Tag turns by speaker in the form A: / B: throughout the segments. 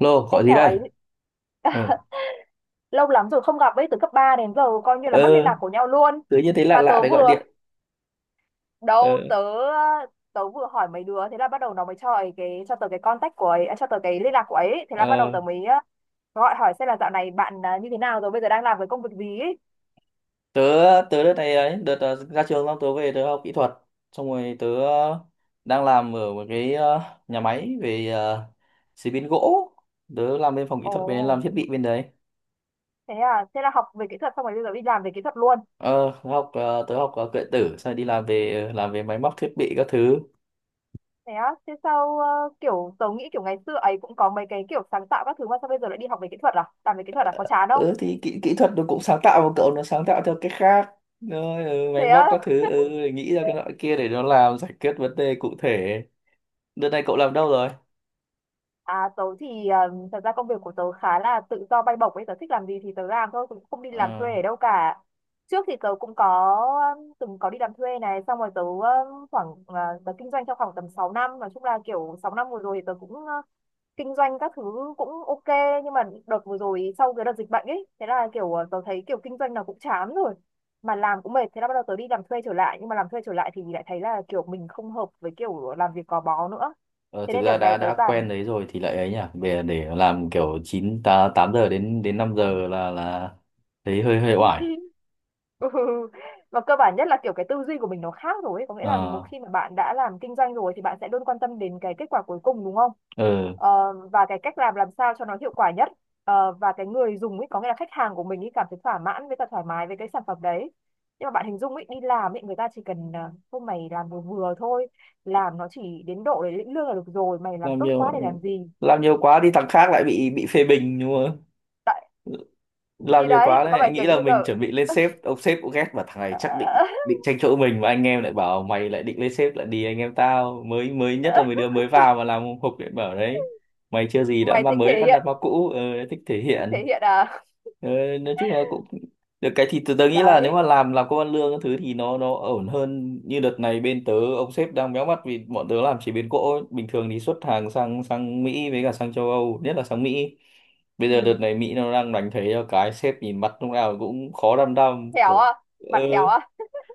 A: Lô,
B: Ê
A: gọi gì
B: chào
A: đây?
B: ấy.
A: Ừ.
B: Lâu lắm rồi không gặp ấy, từ cấp 3 đến giờ coi như là mất liên
A: Ờ,
B: lạc của nhau luôn.
A: tớ như thấy lạ
B: Mà
A: lạ để gọi điện.
B: đâu
A: Ờ,
B: tớ tớ vừa hỏi mấy đứa, thế là bắt đầu nó mới cho tớ cái contact của ấy, à, cho tớ cái liên lạc của ấy. Thế là bắt đầu
A: ờ.
B: tớ mới gọi hỏi xem là dạo này bạn như thế nào rồi, bây giờ đang làm cái công việc gì ấy.
A: Tớ, tớ đợt này ấy, đợt ra trường xong tớ về tớ học kỹ thuật. Xong rồi tớ đang làm ở một cái nhà máy về chế biến gỗ. Tớ làm bên phòng kỹ
B: Ồ,
A: thuật, bên làm thiết bị bên đấy.
B: thế à, thế là học về kỹ thuật xong rồi bây giờ đi làm về kỹ thuật luôn.
A: Ờ, tớ học điện tử, xong rồi đi làm về làm về máy móc thiết bị các thứ.
B: Thế á, thế sao kiểu tớ nghĩ kiểu ngày xưa ấy cũng có mấy cái kiểu sáng tạo các thứ, mà sao bây giờ lại đi học về kỹ thuật à, làm về kỹ thuật à, có chán không?
A: Ừ, thì kỹ thuật nó cũng sáng tạo mà cậu, nó sáng tạo theo cách khác. Rồi, ừ, máy
B: Thế
A: móc
B: á.
A: các thứ, ừ, nghĩ ra cái loại kia để nó làm giải quyết vấn đề cụ thể. Đợt này cậu làm đâu rồi?
B: À, tớ thì thật ra công việc của tớ khá là tự do bay bổng ấy, tớ thích làm gì thì tớ làm thôi, cũng không đi làm
A: Ờ,
B: thuê ở đâu cả. Trước thì tớ cũng có từng có đi làm thuê này, xong rồi tớ khoảng tớ kinh doanh trong khoảng tầm 6 năm, nói chung là kiểu 6 năm vừa rồi thì tớ cũng kinh doanh các thứ cũng ok, nhưng mà đợt vừa rồi sau cái đợt dịch bệnh ấy, thế là kiểu tớ thấy kiểu kinh doanh nào cũng chán rồi, mà làm cũng mệt. Thế là bắt đầu tớ đi làm thuê trở lại, nhưng mà làm thuê trở lại thì lại thấy là kiểu mình không hợp với kiểu làm việc gò bó nữa.
A: ờ,
B: Thế
A: thực
B: nên đợt
A: ra đã
B: này tớ
A: đã
B: toàn
A: quen đấy rồi thì lại ấy nhỉ. Về để làm kiểu 9 ta 8 giờ đến đến 5 giờ là thấy hơi hơi oải.
B: ừ. Và cơ bản nhất là kiểu cái tư duy của mình nó khác rồi ấy. Có nghĩa là một
A: Ờ,
B: khi mà bạn đã làm kinh doanh rồi thì bạn sẽ luôn quan tâm đến cái kết quả cuối cùng, đúng không?
A: ờ,
B: Ờ, và cái cách làm sao cho nó hiệu quả nhất. Ờ, và cái người dùng ấy, có nghĩa là khách hàng của mình ấy, cảm thấy thỏa mãn với cả thoải mái với cái sản phẩm đấy. Nhưng mà bạn hình dung ấy, đi làm ấy, người ta chỉ cần thôi mày làm vừa vừa thôi, làm nó chỉ đến độ để lĩnh lương là được rồi, mày làm
A: làm
B: tốt
A: nhiều,
B: quá để làm gì?
A: làm nhiều quá đi thằng khác lại bị phê bình đúng không?
B: Tại
A: Làm
B: thì
A: nhiều
B: đấy
A: quá
B: có
A: đấy, anh
B: phải kiểu
A: nghĩ là
B: như là
A: mình chuẩn bị lên sếp, ông sếp cũng ghét mà thằng này chắc định, định tranh chỗ mình, mà anh em lại bảo mày lại định lên sếp, lại đi anh em tao mới, mới nhất là mới đưa mới vào mà làm hộp điện bảo đấy mày chưa gì đã
B: mày
A: ma
B: thích
A: mới
B: thể
A: bắt nạt
B: hiện,
A: ma cũ. Ờ, thích thể
B: thích thể
A: hiện.
B: hiện à?
A: ờ, nói chung là cũng được cái, thì tớ nghĩ là nếu
B: Đấy.
A: mà làm công ăn lương cái thứ thì nó ổn hơn. Như đợt này bên tớ ông sếp đang méo mắt vì bọn tớ làm chế biến gỗ ấy. Bình thường thì xuất hàng sang sang Mỹ với cả sang châu Âu, nhất là sang Mỹ. Bây giờ đợt
B: Ừ.
A: này Mỹ nó đang đánh thuế cho cái sếp nhìn mặt lúc nào cũng khó đăm đăm,
B: Héo
A: khổ.
B: à,
A: ờ
B: mặt héo à.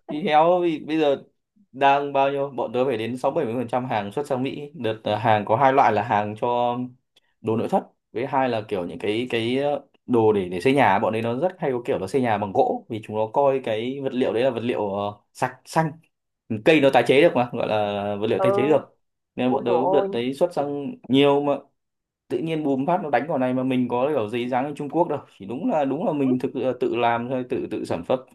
A: thì héo vì bây giờ đang bao nhiêu, bọn tớ phải đến 60-70% hàng xuất sang Mỹ. Đợt là hàng có hai loại, là hàng cho đồ nội thất, với hai là kiểu những cái đồ để xây nhà. Bọn ấy nó rất hay có kiểu nó xây nhà bằng gỗ, vì chúng nó coi cái vật liệu đấy là vật liệu sạch xanh, cây nó tái chế được, mà gọi là vật liệu tái chế
B: Ừ.
A: được. Nên bọn
B: Ui
A: tớ
B: dồi
A: đợt
B: ôi.
A: đấy xuất sang nhiều, mà tự nhiên bùm phát nó đánh vào này, mà mình có kiểu giấy dán ở Trung Quốc đâu, chỉ đúng là, đúng là
B: Ừ,
A: mình thực là tự làm thôi, tự tự sản xuất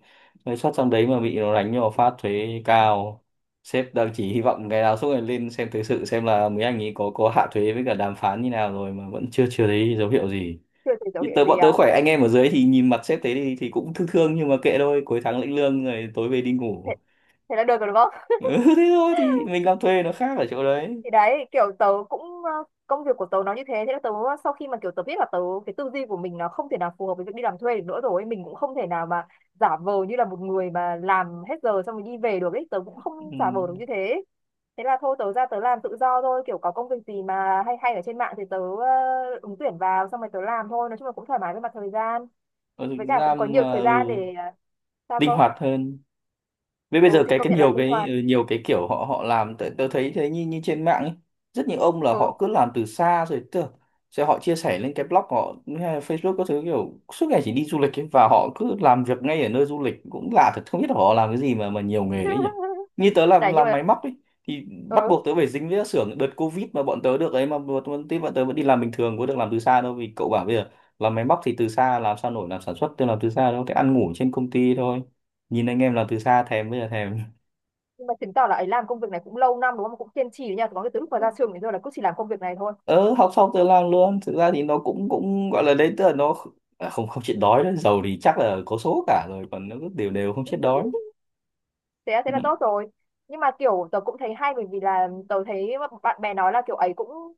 A: rồi xuất sang đấy mà bị nó đánh vào phát thuế cao. Sếp đang chỉ hy vọng ngày nào suốt ngày lên xem thời sự, xem là mấy anh ấy có hạ thuế với cả đàm phán như nào rồi, mà vẫn chưa chưa thấy dấu hiệu gì.
B: chưa thấy dấu
A: Như
B: hiệu
A: tớ,
B: gì
A: bọn tớ
B: à.
A: khỏe, anh em ở dưới thì nhìn mặt sếp thế thì cũng thương thương, nhưng mà kệ thôi, cuối tháng lĩnh lương rồi tối về đi
B: Thế,
A: ngủ.
B: thế là được rồi đúng không.
A: Ừ, thế thôi, thì mình làm thuê nó khác ở chỗ đấy.
B: Thì đấy, kiểu tớ cũng ờ, công việc của tớ nó như thế. Thế là tớ sau khi mà kiểu tớ biết là cái tư duy của mình nó không thể nào phù hợp với việc đi làm thuê được nữa, rồi mình cũng không thể nào mà giả vờ như là một người mà làm hết giờ xong rồi đi về được ấy, tớ cũng không
A: Ừ.
B: giả vờ được như thế. Thế là thôi tớ ra tớ làm tự do thôi, kiểu có công việc gì mà hay hay ở trên mạng thì tớ ứng tuyển vào xong rồi tớ làm thôi, nói chung là cũng thoải mái với mặt thời gian,
A: Ở
B: với
A: thực
B: cả
A: ra
B: cũng có nhiều
A: mà
B: thời gian
A: ừ,
B: để sao
A: linh
B: cơ?
A: hoạt hơn. Với bây
B: Ừ
A: giờ
B: thì
A: cái
B: công
A: cái
B: nhận là
A: nhiều
B: linh
A: cái
B: hoạt.
A: ừ, nhiều cái kiểu họ họ làm tớ, tớ thấy thế, như như trên mạng ấy. Rất nhiều ông là
B: Ừ.
A: họ cứ làm từ xa, rồi tớ, sẽ họ chia sẻ lên cái blog của họ hay là Facebook các thứ, kiểu suốt ngày chỉ đi du lịch ấy, và họ cứ làm việc ngay ở nơi du lịch, cũng lạ thật, không biết là họ làm cái gì mà nhiều nghề đấy nhỉ. Như tớ làm
B: Đấy nhưng
A: làm
B: mà
A: máy móc ấy thì bắt
B: ừ,
A: buộc tớ phải dính với các xưởng. Đợt Covid mà bọn tớ được ấy, mà bọn tớ vẫn đi làm bình thường, có được làm từ xa đâu, vì cậu bảo bây giờ làm máy móc thì từ xa làm sao nổi, làm sản xuất tôi làm từ xa đâu, cái ăn ngủ trên công ty thôi. Nhìn anh em làm từ xa thèm, bây giờ thèm.
B: nhưng mà chứng tỏ là ấy làm công việc này cũng lâu năm đúng không, cũng kiên trì đấy nha, có cái từ lúc mà ra trường đến giờ là cứ chỉ làm công việc này thôi.
A: Ờ học xong tự làm luôn, thực ra thì nó cũng, cũng gọi là đấy, tức là không, không chết đói đấy, giàu thì chắc là có số cả rồi, còn nó cứ đều đều không chết đói.
B: Thế là,
A: Ừ.
B: thế là tốt rồi. Nhưng mà kiểu tớ cũng thấy hay, bởi vì là tớ thấy bạn bè nói là kiểu ấy cũng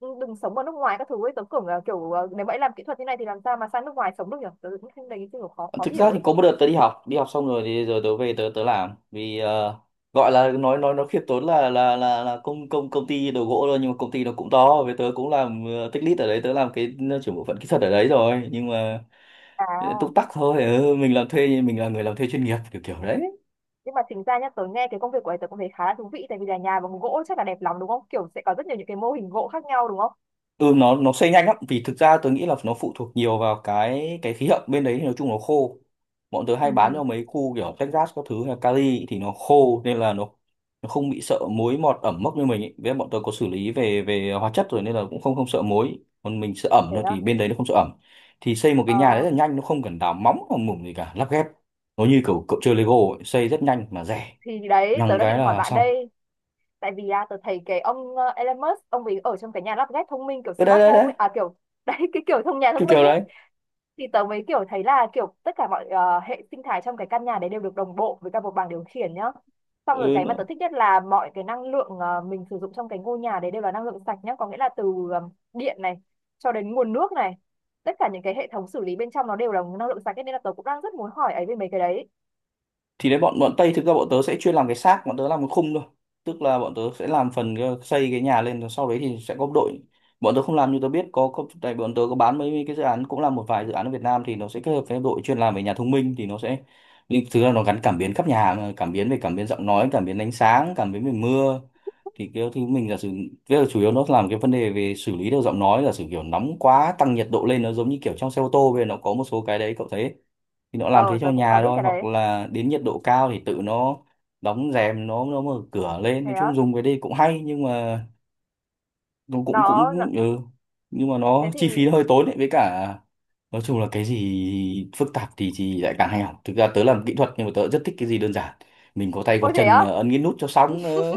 B: đừng sống ở nước ngoài các thứ ấy, tớ tưởng là nếu mà ấy làm kỹ thuật như này thì làm sao mà sang nước ngoài sống được nhỉ, tớ cũng thấy đấy kiểu khó, khó
A: Thực ra
B: hiểu
A: thì
B: ấy.
A: có một đợt tớ đi học, đi học xong rồi thì rồi tớ về tớ tớ làm vì gọi là nói nó khiêm tốn là công công công ty đồ gỗ thôi, nhưng mà công ty nó cũng to, với tớ cũng làm tech lead ở đấy, tớ làm cái trưởng bộ phận kỹ thuật ở đấy rồi, nhưng mà
B: À,
A: ờ, túc tắc thôi. Ừ, mình làm thuê, mình là người làm thuê chuyên nghiệp kiểu kiểu đấy.
B: nhưng mà chính ra nhá, tớ nghe cái công việc của ấy tớ cũng thấy khá là thú vị, tại vì là nhà bằng gỗ chắc là đẹp lắm đúng không, kiểu sẽ có rất nhiều những cái mô hình gỗ khác nhau đúng không.
A: Ừ, nó xây nhanh lắm, vì thực ra tớ nghĩ là nó phụ thuộc nhiều vào cái khí hậu bên đấy, thì nói chung nó khô. Bọn tớ hay bán cho
B: Ừ.
A: mấy khu kiểu Texas các thứ, hay là Cali, thì nó khô nên là nó không bị sợ muối mọt ẩm mốc như mình ấy. Với lại bọn tớ có xử lý về về hóa chất rồi, nên là cũng không không sợ muối, còn mình sợ ẩm
B: Thế
A: thôi,
B: à.
A: thì bên đấy nó không sợ ẩm. Thì xây một cái
B: Ờ,
A: nhà rất là nhanh, nó không cần đào móng hoặc mủng gì cả, lắp ghép, nó như kiểu cậu chơi Lego ấy. Xây rất nhanh mà rẻ,
B: thì đấy tớ
A: nhằng
B: đang
A: cái
B: định hỏi
A: là
B: bạn
A: xong.
B: đây, tại vì tớ thấy cái ông Elon Musk ông ấy ở trong cái nhà lắp ghép thông minh, kiểu
A: Ơ đấy
B: smart
A: đấy
B: home
A: đấy,
B: ấy à, kiểu đấy cái kiểu thông nhà
A: kiểu
B: thông minh
A: kiểu
B: ấy.
A: đấy.
B: Thì tớ mới kiểu thấy là kiểu tất cả hệ sinh thái trong cái căn nhà đấy đều được đồng bộ với cả một bảng điều khiển nhá. Xong rồi
A: ừ,
B: cái mà tớ
A: nó-
B: thích nhất là mọi cái mình sử dụng trong cái ngôi nhà đấy đều là năng lượng sạch nhá, có nghĩa là điện này cho đến nguồn nước này, tất cả những cái hệ thống xử lý bên trong nó đều là năng lượng sạch ấy, nên là tớ cũng đang rất muốn hỏi ấy về mấy cái đấy.
A: thì đấy, bọn bọn Tây, thực ra bọn tớ sẽ chuyên làm cái xác, bọn tớ làm cái khung thôi, tức là bọn tớ sẽ làm phần xây cái nhà lên, rồi sau đấy thì sẽ có đội. Bọn tớ không làm, như tớ biết có tại bọn tớ có bán mấy cái dự án, cũng là một vài dự án ở Việt Nam, thì nó sẽ kết hợp với đội chuyên làm về nhà thông minh, thì nó sẽ, nhưng thực ra nó gắn cảm biến khắp nhà hàng, cảm biến về, cảm biến giọng nói, cảm biến ánh sáng, cảm biến về mưa. Thì cái thứ mình giả sử, tức là chủ yếu nó làm cái vấn đề về xử lý được giọng nói, giả sử kiểu nóng quá tăng nhiệt độ lên, nó giống như kiểu trong xe ô tô bây giờ nó có một số cái đấy cậu thấy. Thì nó làm thế
B: Ờ,
A: cho
B: tớ cũng có
A: nhà
B: biết
A: thôi,
B: cái
A: hoặc
B: đấy.
A: là đến nhiệt độ cao thì tự nó đóng rèm, nó mở cửa lên.
B: Thế
A: Nói chung
B: á.
A: dùng cái đây cũng hay, nhưng mà nó cũng,
B: Nó nó.
A: cũng ừ, nhưng mà
B: Thế
A: nó
B: thì
A: chi phí nó hơi tốn đấy, với cả nói chung là cái gì phức tạp thì lại càng hay học. Thực ra tớ làm kỹ thuật nhưng mà tớ rất thích cái gì đơn giản, mình có tay có
B: ôi thế
A: chân
B: á.
A: mà ấn cái nút cho xong. Ờ,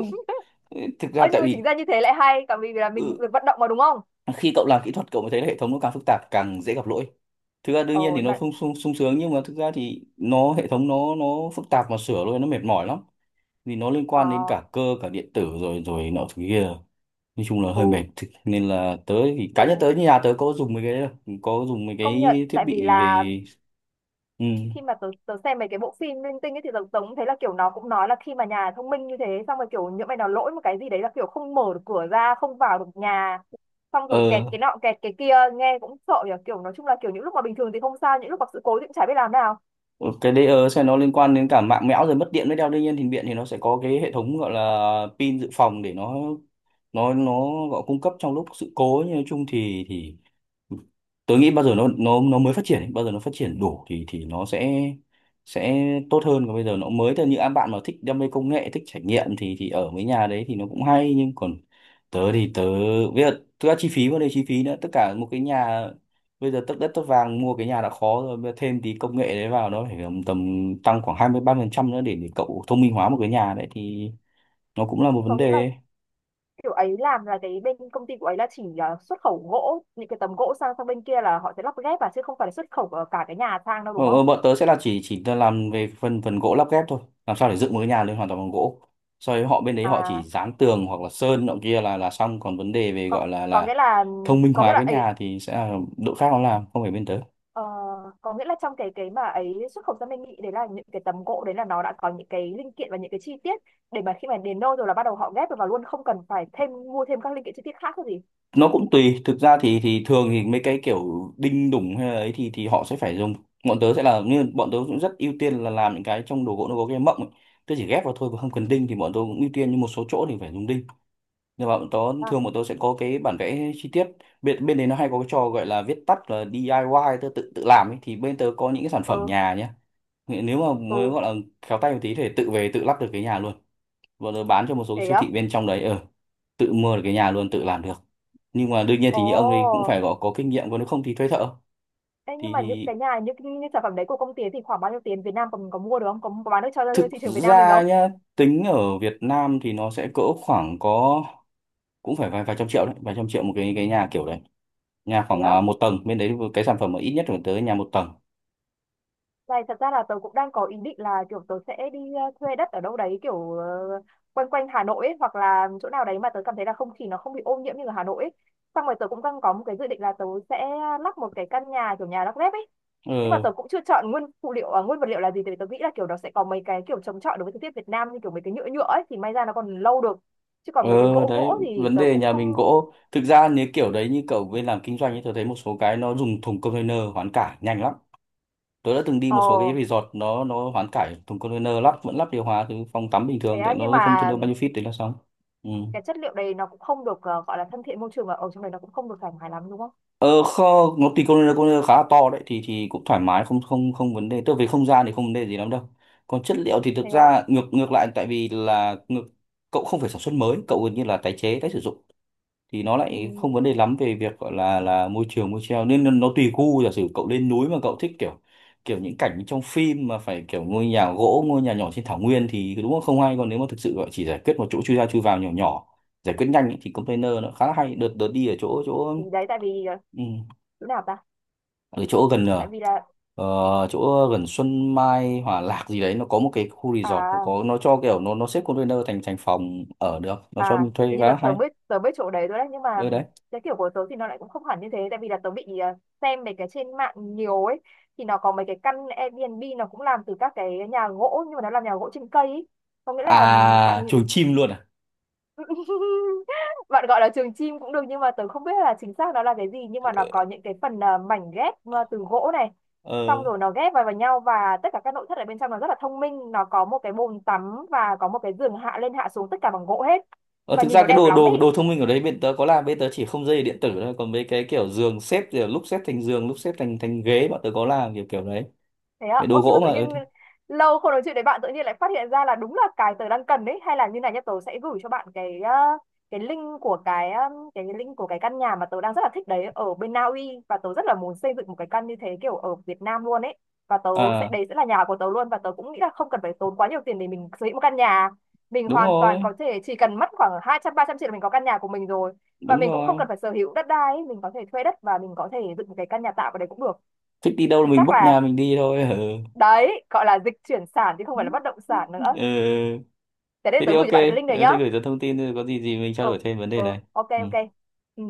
A: thực ra
B: Ơ
A: tại
B: nhưng mà chính
A: vì
B: ra như thế lại hay cả, vì là mình
A: ừ,
B: được vận động mà đúng không.
A: khi cậu làm kỹ thuật cậu mới thấy là hệ thống nó càng phức tạp càng dễ gặp lỗi. Thực ra đương nhiên
B: Ồ
A: thì
B: nhưng
A: nó
B: mà
A: không sung sung sướng, nhưng mà thực ra thì nó, hệ thống nó phức tạp mà sửa luôn nó mệt mỏi lắm, vì nó liên quan đến
B: ờ,
A: cả cơ cả điện tử rồi rồi nọ thứ kia, nói chung là hơi mệt.
B: ừ,
A: Nên là tớ thì
B: tớ
A: cá nhân tớ như nhà tớ có dùng mấy cái đấy đâu, có dùng mấy
B: công nhận
A: cái thiết
B: tại vì
A: bị
B: là
A: về. Ừ.
B: khi mà tớ xem mấy cái bộ phim linh tinh ấy thì tớ cũng thấy là kiểu nó cũng nói là khi mà nhà thông minh như thế xong rồi kiểu những mày nào lỗi một cái gì đấy là kiểu không mở được cửa ra, không vào được nhà, xong rồi kẹt
A: ờ
B: cái nọ kẹt cái kia nghe cũng sợ nhỉ, kiểu nói chung là kiểu những lúc mà bình thường thì không sao, những lúc gặp sự cố thì cũng chả biết làm nào.
A: ờ, cái đấy sẽ nó liên quan đến cả mạng mẽo rồi mất điện mới đeo. Đương nhiên thì điện thì nó sẽ có cái hệ thống gọi là pin dự phòng để nó gọi cung cấp trong lúc sự cố. Nhưng nói chung thì tôi nghĩ bao giờ nó mới phát triển ấy, bao giờ nó phát triển đủ thì nó sẽ tốt hơn, còn bây giờ nó mới thôi. Như các bạn mà thích đam mê công nghệ, thích trải nghiệm thì ở mấy nhà đấy thì nó cũng hay, nhưng còn tớ thì bây giờ thực ra chi phí, vấn đề chi phí nữa, tất cả một cái nhà bây giờ tất đất tất vàng, mua cái nhà đã khó rồi, bây giờ thêm tí công nghệ đấy vào nó phải tầm tầm tăng khoảng hai mươi ba phần trăm nữa để cậu thông minh hóa một cái nhà đấy thì nó cũng là một vấn
B: Có nghĩa là
A: đề.
B: kiểu ấy làm là cái bên công ty của ấy là chỉ là xuất khẩu gỗ, những cái tấm gỗ sang sang bên kia là họ sẽ lắp ghép à, chứ không phải là xuất khẩu cả cái nhà sang đâu
A: Ờ,
B: đúng không.
A: ờ, bọn tớ sẽ là chỉ làm về phần phần gỗ lắp ghép thôi, làm sao để dựng một cái nhà lên hoàn toàn bằng gỗ. Sau đấy họ bên đấy họ chỉ
B: À,
A: dán tường hoặc là sơn nọ kia là xong, còn vấn đề về
B: còn
A: gọi
B: có
A: là
B: nghĩa là
A: thông minh
B: có nghĩa
A: hóa
B: là
A: cái
B: ấy.
A: nhà thì sẽ là đội khác nó làm, không phải bên tớ.
B: Ờ, có nghĩa là trong cái mà ấy xuất khẩu sang bên Mỹ đấy, là những cái tấm gỗ đấy là nó đã có những cái linh kiện và những cái chi tiết để mà khi mà đến nơi rồi là bắt đầu họ ghép vào luôn, không cần phải thêm mua thêm các linh kiện chi tiết khác cái gì.
A: Nó cũng tùy. Thực ra thì thường thì mấy cái kiểu đinh đủng hay là ấy thì họ sẽ phải dùng. Bọn tớ sẽ là, như bọn tớ cũng rất ưu tiên là làm những cái trong đồ gỗ nó có cái mộng ấy. Tớ chỉ ghép vào thôi và không cần đinh thì bọn tớ cũng ưu tiên, nhưng một số chỗ thì phải dùng đinh. Nhưng mà bọn tớ
B: À,
A: thường bọn tớ sẽ có cái bản vẽ chi tiết. Bên bên đấy nó hay có cái trò gọi là viết tắt là DIY, tớ tự tự làm ấy, thì bên tớ có những cái sản phẩm
B: ừ.
A: nhà nhé, nếu mà muốn
B: Ừ,
A: gọi là khéo tay một tí thì tự về tự lắp được cái nhà luôn. Bọn tớ bán cho một số cái
B: thế
A: siêu
B: á.
A: thị bên trong đấy, ờ, tự mua được cái nhà luôn, tự làm được. Nhưng mà đương nhiên
B: Ồ.
A: thì như ông ấy cũng phải có kinh nghiệm, còn nếu không thì thuê thợ.
B: Ê, nhưng
A: thì,
B: mà những cái
A: thì
B: nhà, những sản phẩm đấy của công ty ấy thì khoảng bao nhiêu tiền Việt Nam, còn có mua được không, có, có bán được cho
A: thực
B: thị trường Việt Nam mình
A: ra
B: không?
A: nhá, tính ở Việt Nam thì nó sẽ cỡ khoảng có cũng phải vài vài trăm triệu đấy, vài trăm triệu một cái nhà kiểu đấy. Nhà
B: Thế
A: khoảng
B: á.
A: à, một tầng, bên đấy cái sản phẩm mà ít nhất phải tới nhà một tầng.
B: Này, thật ra là tớ cũng đang có ý định là kiểu tớ sẽ đi thuê đất ở đâu đấy, quanh quanh Hà Nội ấy, hoặc là chỗ nào đấy mà tớ cảm thấy là không khí nó không bị ô nhiễm như ở Hà Nội ấy. Xong rồi tớ cũng đang có một cái dự định là tớ sẽ lắp một cái căn nhà kiểu nhà lắp ghép ấy.
A: Ừ.
B: Nhưng mà tớ cũng chưa chọn nguyên vật liệu là gì, tại vì tớ nghĩ là kiểu nó sẽ có mấy cái kiểu chống chọi đối với thời tiết Việt Nam, như kiểu mấy cái nhựa nhựa ấy thì may ra nó còn lâu được. Chứ
A: Ừ,
B: còn mấy cái gỗ
A: đấy
B: gỗ thì
A: vấn
B: tớ
A: đề
B: cũng
A: nhà mình
B: không.
A: gỗ, thực ra nếu kiểu đấy, như cậu bên làm kinh doanh ấy, tôi thấy một số cái nó dùng thùng container hoán cải nhanh lắm. Tôi đã từng đi một
B: Ờ
A: số cái resort nó hoán cải thùng container, lắp vẫn lắp điều hòa thì phòng tắm bình
B: thế
A: thường,
B: á,
A: tại
B: nhưng
A: nó
B: mà
A: container bao nhiêu feet đấy là xong. Ừ.
B: cái chất liệu đấy nó cũng không được gọi là thân thiện môi trường, và ở trong này nó cũng không được thoải mái lắm đúng không?
A: Ờ không, nó thì container, container khá là to đấy thì cũng thoải mái, không không không vấn đề. Tức là về không gian thì không vấn đề gì lắm đâu. Còn chất liệu thì thực
B: Thế á.
A: ra ngược ngược lại, tại vì là ngược, cậu không phải sản xuất mới, cậu gần như là tái chế, tái sử dụng thì nó
B: Ừ,
A: lại không vấn đề lắm về việc gọi là môi trường môi treo, nên nó tùy gu. Giả sử cậu lên núi mà cậu thích kiểu kiểu những cảnh trong phim mà phải kiểu ngôi nhà gỗ, ngôi nhà nhỏ trên thảo nguyên thì đúng là không hay, còn nếu mà thực sự gọi chỉ giải quyết một chỗ chui ra chui vào nhỏ nhỏ, giải quyết nhanh ấy, thì container nó khá là hay. Đợt đợt đi ở chỗ chỗ
B: thì đấy tại vì ờ,
A: ừ,
B: chỗ nào ta?
A: ở chỗ gần
B: Tại vì là
A: chỗ gần Xuân Mai Hòa Lạc gì đấy, nó có một cái khu resort, nó
B: à.
A: có nó cho kiểu nó xếp container thành thành phòng ở được, nó cho
B: À
A: mình thuê
B: thì như tớ
A: khá
B: tớ
A: hay
B: mới tớ biết chỗ đấy rồi đấy, nhưng mà
A: ở đấy.
B: cái kiểu của tớ thì nó lại cũng không hẳn như thế, tại vì là tớ bị xem mấy cái trên mạng nhiều ấy, thì nó có mấy cái căn Airbnb nó cũng làm từ các cái nhà gỗ, nhưng mà nó làm nhà gỗ trên cây ấy. Có nghĩa là bạn
A: À, chuồng chim luôn à?
B: bạn gọi là trường chim cũng được, nhưng mà tớ không biết là chính xác nó là cái gì, nhưng mà nó có những cái mảnh ghép từ gỗ này, xong
A: Ờ.
B: rồi nó ghép vào vào nhau, và tất cả các nội thất ở bên trong nó rất là thông minh, nó có một cái bồn tắm và có một cái giường hạ lên hạ xuống tất cả bằng gỗ hết,
A: Ờ,
B: và
A: thực
B: nhìn
A: ra
B: nó
A: cái
B: đẹp
A: đồ
B: lắm ý.
A: đồ đồ thông minh ở đấy bên tớ có là, bên tớ chỉ không dây điện tử thôi, còn mấy cái kiểu giường xếp kiểu lúc xếp thành giường lúc xếp thành thành ghế, bọn tớ có làm kiểu kiểu đấy.
B: Thế
A: Cái
B: ạ,
A: đồ
B: ôi nhưng mà
A: gỗ
B: tự
A: mà,
B: nhiên
A: ừ, thì-
B: lâu không nói chuyện với bạn tự nhiên lại phát hiện ra là đúng là cái tớ đang cần đấy. Hay là như này nhá, tớ sẽ gửi cho bạn cái ờ, cái link của cái ờ, cái link của cái căn nhà mà tớ đang rất là thích đấy ở bên Na Uy, và tớ rất là muốn xây dựng một cái căn như thế kiểu ở Việt Nam luôn ấy, và tớ sẽ,
A: à
B: đấy sẽ là nhà của tớ luôn. Và tớ cũng nghĩ là không cần phải tốn quá nhiều tiền để mình sở hữu một căn nhà, mình
A: đúng
B: hoàn toàn
A: rồi,
B: có thể chỉ cần mất khoảng 200 300 triệu là mình có căn nhà của mình rồi. Và
A: đúng
B: mình cũng không
A: rồi,
B: cần phải sở hữu đất đai ấy, mình có thể thuê đất và mình có thể dựng một cái căn nhà tạm ở đấy cũng được.
A: thích đi đâu là
B: Thì
A: mình
B: chắc
A: bốc nhà
B: là,
A: mình đi thôi. Ừ.
B: đấy gọi là dịch chuyển sản chứ không phải là bất động sản
A: Ừ.
B: nữa. Thế để
A: Thế
B: tớ
A: thì
B: gửi
A: ok.
B: cho bạn cái link này
A: Ừ,
B: nhá.
A: thế gửi cho thông tin rồi có gì gì mình trao
B: Ừ,
A: đổi thêm vấn đề
B: ừ,
A: này.
B: ok
A: Ừ.
B: ok. Ừ.